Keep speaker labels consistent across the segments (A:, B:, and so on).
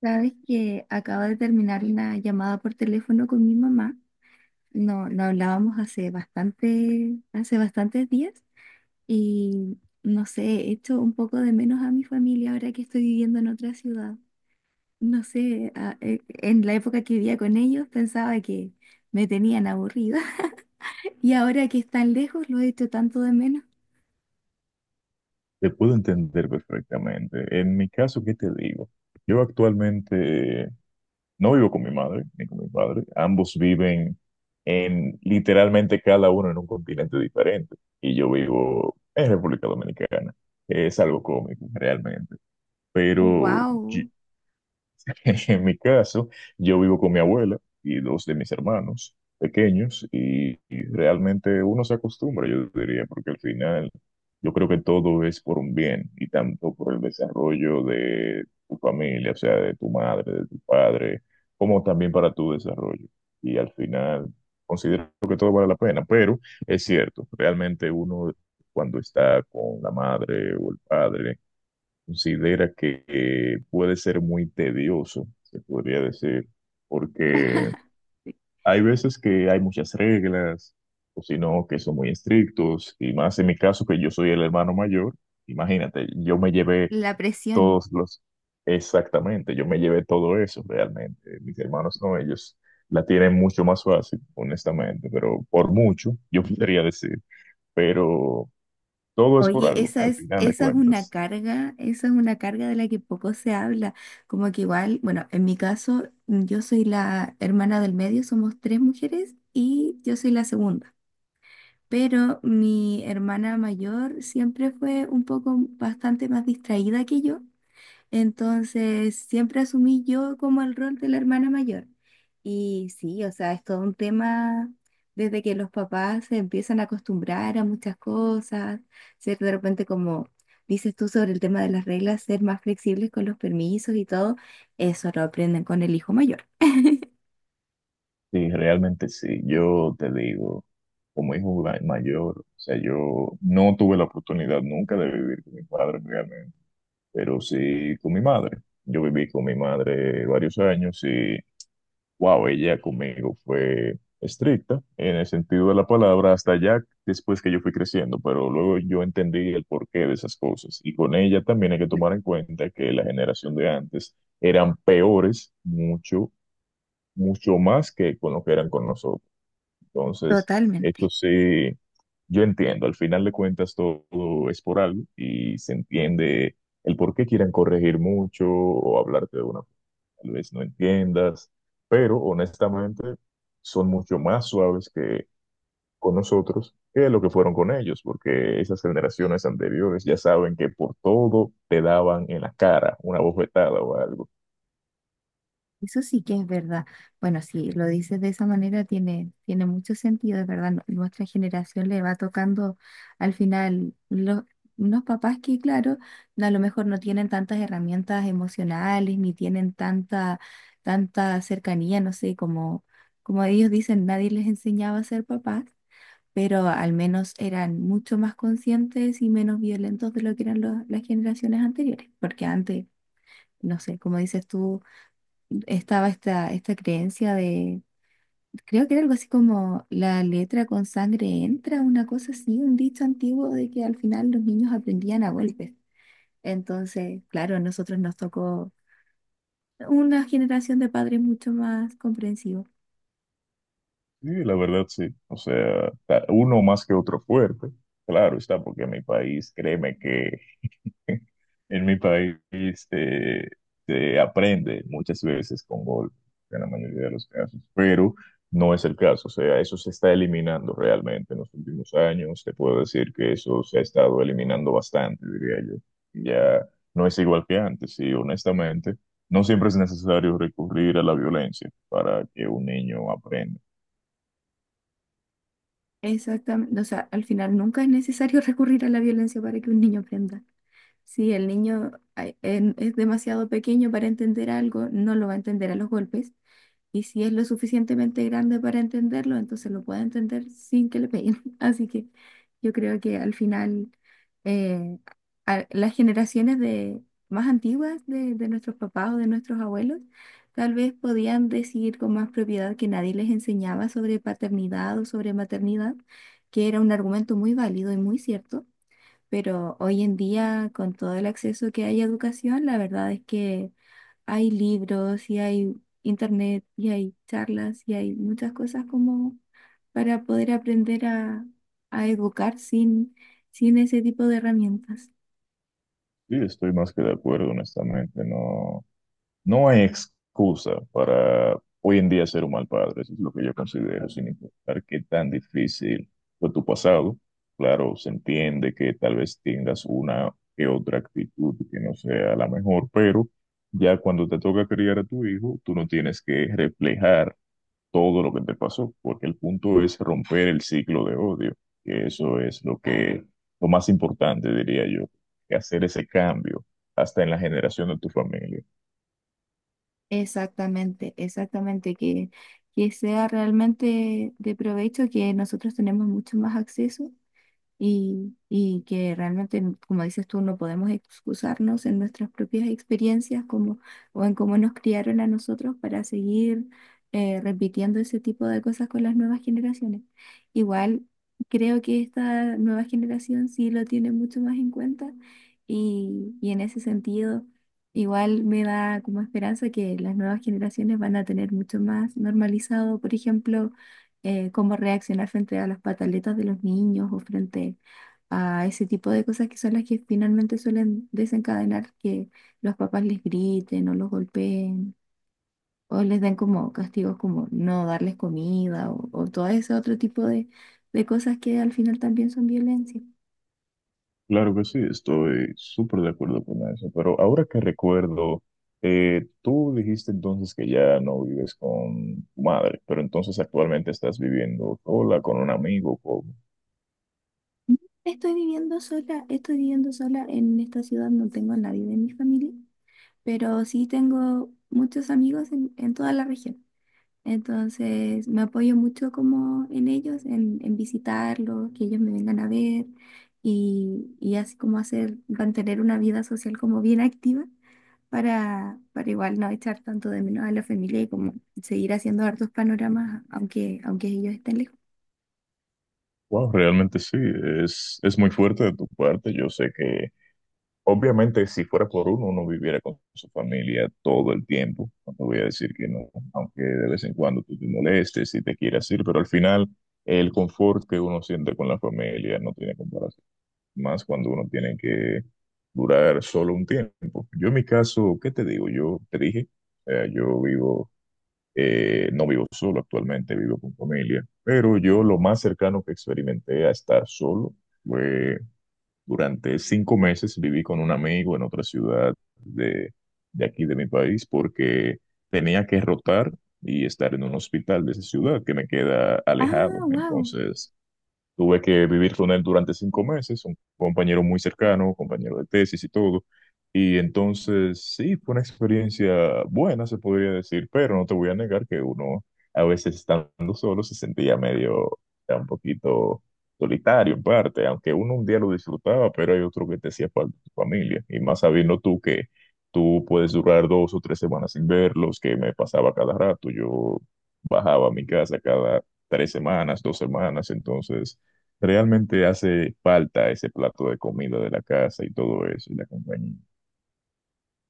A: Sabes que acabo de terminar una llamada por teléfono con mi mamá. No, no hablábamos hace bastante, hace bastantes días y no sé, he hecho un poco de menos a mi familia ahora que estoy viviendo en otra ciudad. No sé, en la época que vivía con ellos pensaba que me tenían aburrida y ahora que están lejos lo he hecho tanto de menos.
B: Te puedo entender perfectamente. En mi caso, ¿qué te digo? Yo actualmente no vivo con mi madre ni con mi padre. Ambos viven en literalmente cada uno en un continente diferente. Y yo vivo en República Dominicana. Es algo cómico, realmente. Pero yo,
A: ¡Wow!
B: en mi caso, yo vivo con mi abuela y dos de mis hermanos pequeños y realmente uno se acostumbra, yo diría, porque al final yo creo que todo es por un bien y tanto por el desarrollo de tu familia, o sea, de tu madre, de tu padre, como también para tu desarrollo. Y al final considero que todo vale la pena, pero es cierto, realmente uno cuando está con la madre o el padre, considera que puede ser muy tedioso, se podría decir, porque hay veces que hay muchas reglas, o si no, que son muy estrictos, y más en mi caso que yo soy el hermano mayor, imagínate, yo me llevé
A: La presión.
B: todos los, exactamente, yo me llevé todo eso realmente, mis hermanos no, ellos la tienen mucho más fácil, honestamente, pero por mucho, yo podría decir, pero todo es por
A: Oye,
B: algo,
A: esa
B: al
A: es,
B: final de
A: esa es una
B: cuentas.
A: carga, esa es una carga de la que poco se habla. Como que igual, bueno, en mi caso, yo soy la hermana del medio, somos tres mujeres y yo soy la segunda. Pero mi hermana mayor siempre fue un poco bastante más distraída que yo. Entonces, siempre asumí yo como el rol de la hermana mayor. Y sí, o sea, es todo un tema desde que los papás se empiezan a acostumbrar a muchas cosas, ser de repente como dices tú sobre el tema de las reglas, ser más flexibles con los permisos y todo, eso lo aprenden con el hijo mayor.
B: Sí, realmente sí. Yo te digo, como hijo mayor, o sea, yo no tuve la oportunidad nunca de vivir con mi padre realmente, pero sí con mi madre. Yo viví con mi madre varios años y, wow, ella conmigo fue estricta en el sentido de la palabra hasta ya después que yo fui creciendo, pero luego yo entendí el porqué de esas cosas. Y con ella también hay que tomar en cuenta que la generación de antes eran peores, mucho, mucho más que con lo que eran con nosotros. Entonces, eso
A: Totalmente.
B: sí, yo entiendo, al final de cuentas todo, es por algo y se entiende el por qué quieran corregir mucho o hablarte de una forma que tal vez no entiendas, pero honestamente son mucho más suaves que con nosotros que lo que fueron con ellos, porque esas generaciones anteriores ya saben que por todo te daban en la cara una bofetada o algo.
A: Eso sí que es verdad. Bueno, si lo dices de esa manera, tiene mucho sentido, es verdad. Nuestra generación le va tocando al final los, unos papás que, claro, no, a lo mejor no tienen tantas herramientas emocionales, ni tienen tanta cercanía, no sé, como, como ellos dicen, nadie les enseñaba a ser papás, pero al menos eran mucho más conscientes y menos violentos de lo que eran los- las generaciones anteriores, porque antes, no sé, como dices tú estaba esta creencia de, creo que era algo así como la letra con sangre entra, una cosa así, un dicho antiguo de que al final los niños aprendían a golpes. Entonces, claro, a nosotros nos tocó una generación de padres mucho más comprensivos.
B: Sí, la verdad sí. O sea, uno más que otro fuerte. Claro está, porque en mi país, créeme que en mi país eh, se aprende muchas veces con golpes, en la mayoría de los casos, pero no es el caso. O sea, eso se está eliminando realmente en los últimos años. Te puedo decir que eso se ha estado eliminando bastante, diría yo. Ya no es igual que antes, y honestamente, no siempre es necesario recurrir a la violencia para que un niño aprenda.
A: Exactamente, o sea, al final nunca es necesario recurrir a la violencia para que un niño aprenda. Si el niño ay, en- es demasiado pequeño para entender algo, no lo va a entender a los golpes. Y si es lo suficientemente grande para entenderlo, entonces lo puede entender sin que le peguen. Así que yo creo que al final eh, a- las generaciones de, más antiguas de nuestros papás o de nuestros abuelos tal vez podían decir con más propiedad que nadie les enseñaba sobre paternidad o sobre maternidad, que era un argumento muy válido y muy cierto, pero hoy en día, con todo el acceso que hay a educación, la verdad es que hay libros y hay internet y hay charlas y hay muchas cosas como para poder aprender a educar sin ese tipo de herramientas.
B: Sí, estoy más que de acuerdo, honestamente. No, no hay excusa para hoy en día ser un mal padre. Eso es lo que yo considero, sin importar qué tan difícil fue tu pasado. Claro, se entiende que tal vez tengas una que otra actitud que no sea la mejor, pero ya cuando te toca criar a tu hijo, tú no tienes que reflejar todo lo que te pasó, porque el punto es romper el ciclo de odio, que eso es lo más importante, diría yo, que hacer ese cambio hasta en la generación de tu familia.
A: Exactamente, exactamente, que, sea realmente de provecho, que nosotros tenemos mucho más acceso y que realmente, como dices tú, no podemos excusarnos en nuestras propias experiencias como, o en cómo nos criaron a nosotros para seguir repitiendo ese tipo de cosas con las nuevas generaciones. Igual creo que esta nueva generación sí lo tiene mucho más en cuenta y en ese sentido... Igual me da como esperanza que las nuevas generaciones van a tener mucho más normalizado, por ejemplo, cómo reaccionar frente a las pataletas de los niños o frente a ese tipo de cosas que son las que finalmente suelen desencadenar que los papás les griten o los golpeen o les den como castigos como no darles comida o todo ese otro tipo de cosas que al final también son violencia.
B: Claro que sí, estoy súper de acuerdo con eso, pero ahora que recuerdo, tú dijiste entonces que ya no vives con tu madre, pero entonces actualmente estás viviendo sola, con un amigo, con...
A: Estoy viviendo sola en esta ciudad, no tengo a nadie de mi familia, pero sí tengo muchos amigos en, toda la región. Entonces me apoyo mucho como en ellos, en visitarlos, que ellos me vengan a ver y así como hacer, mantener una vida social como bien activa para, igual no echar tanto de menos a la familia y como seguir haciendo hartos panoramas aunque ellos estén lejos.
B: Wow, realmente sí, es muy fuerte de tu parte. Yo sé que obviamente, si fuera por uno, uno viviera con su familia todo el tiempo. No te voy a decir que no, aunque de vez en cuando tú te molestes y te quieras ir, pero al final el confort que uno siente con la familia no tiene comparación. Más cuando uno tiene que durar solo un tiempo. Yo en mi caso, ¿qué te digo? Yo te dije, eh, yo vivo, no vivo solo actualmente, vivo con familia, pero yo lo más cercano que experimenté a estar solo fue durante 5 meses viví con un amigo en otra ciudad de aquí de mi país porque tenía que rotar y estar en un hospital de esa ciudad que me queda
A: Ah,
B: alejado.
A: wow.
B: Entonces, tuve que vivir con él durante 5 meses, un compañero muy cercano, compañero de tesis y todo. Y entonces, sí, fue una experiencia buena, se podría decir, pero no te voy a negar que uno a veces estando solo se sentía medio, o sea, un poquito solitario en parte, aunque uno un día lo disfrutaba, pero hay otro que te hacía falta tu familia. Y más sabiendo tú que tú puedes durar 2 o 3 semanas sin verlos, que me pasaba cada rato, yo bajaba a mi casa cada 3 semanas, 2 semanas, entonces realmente hace falta ese plato de comida de la casa y todo eso, y la compañía.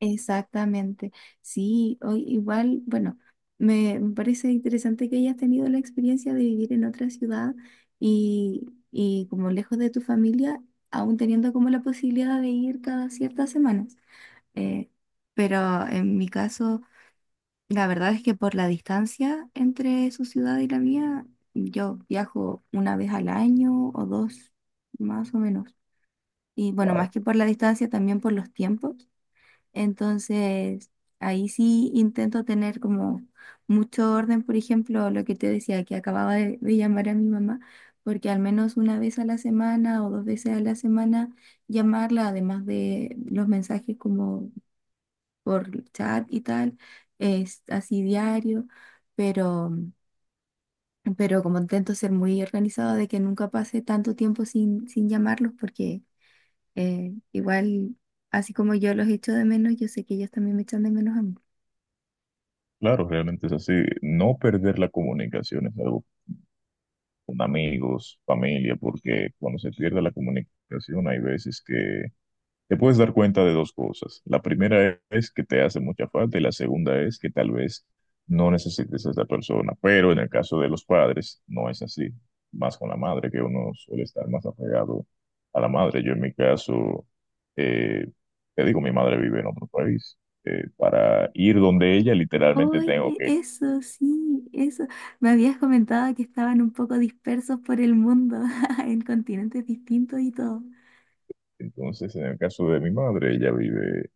A: Exactamente. Sí, hoy igual, bueno, me parece interesante que hayas tenido la experiencia de vivir en otra ciudad y, y como lejos de tu familia, aún teniendo como la posibilidad de ir cada ciertas semanas. Eh, pero en mi caso, la verdad es que por la distancia entre su ciudad y la mía, yo viajo una vez al año o dos, más o menos. Y bueno, más
B: Wow.
A: que por la distancia, también por los tiempos. Entonces, ahí sí intento tener como mucho orden, por ejemplo, lo que te decía, que acababa de llamar a mi mamá, porque al menos una vez a la semana o dos veces a la semana llamarla, además de los mensajes como por chat y tal, es así diario, pero, pero, como intento ser muy organizado de que nunca pase tanto tiempo sin llamarlos, porque igual, así como yo los echo de menos, yo sé que ellos también me echan de menos a mí.
B: Claro, realmente es así. No perder la comunicación es algo con amigos, familia, porque cuando se pierde la comunicación hay veces que te puedes dar cuenta de dos cosas. La primera es que te hace mucha falta y la segunda es que tal vez no necesites a esa persona. Pero en el caso de los padres no es así. Más con la madre, que uno suele estar más apegado a la madre. Yo en mi caso, eh, te digo, mi madre vive en otro país. Para ir donde ella literalmente tengo
A: Oye,
B: que.
A: eso sí, eso. Me habías comentado que estaban un poco dispersos por el mundo, en continentes distintos y todo.
B: Entonces, en el caso de mi madre, ella vive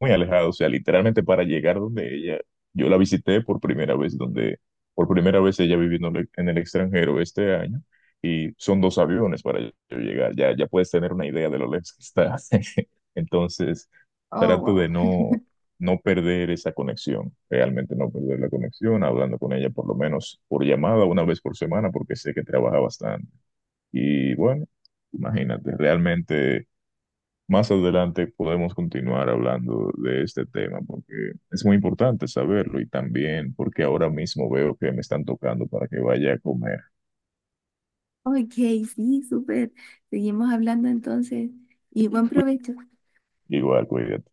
B: muy alejado, o sea, literalmente para llegar donde ella, yo la visité por primera vez, donde por primera vez ella viviendo en el extranjero este año, y son dos aviones para yo llegar, ya, ya puedes tener una idea de lo lejos que está. Entonces,
A: Oh,
B: trato
A: wow.
B: de no perder esa conexión, realmente no perder la conexión, hablando con ella por lo menos por llamada una vez por semana, porque sé que trabaja bastante. Y bueno, imagínate, realmente más adelante podemos continuar hablando de este tema porque es muy importante saberlo y también porque ahora mismo veo que me están tocando para que vaya a comer.
A: Ok, sí, súper. Seguimos hablando entonces y buen provecho.
B: Igual, cuídate.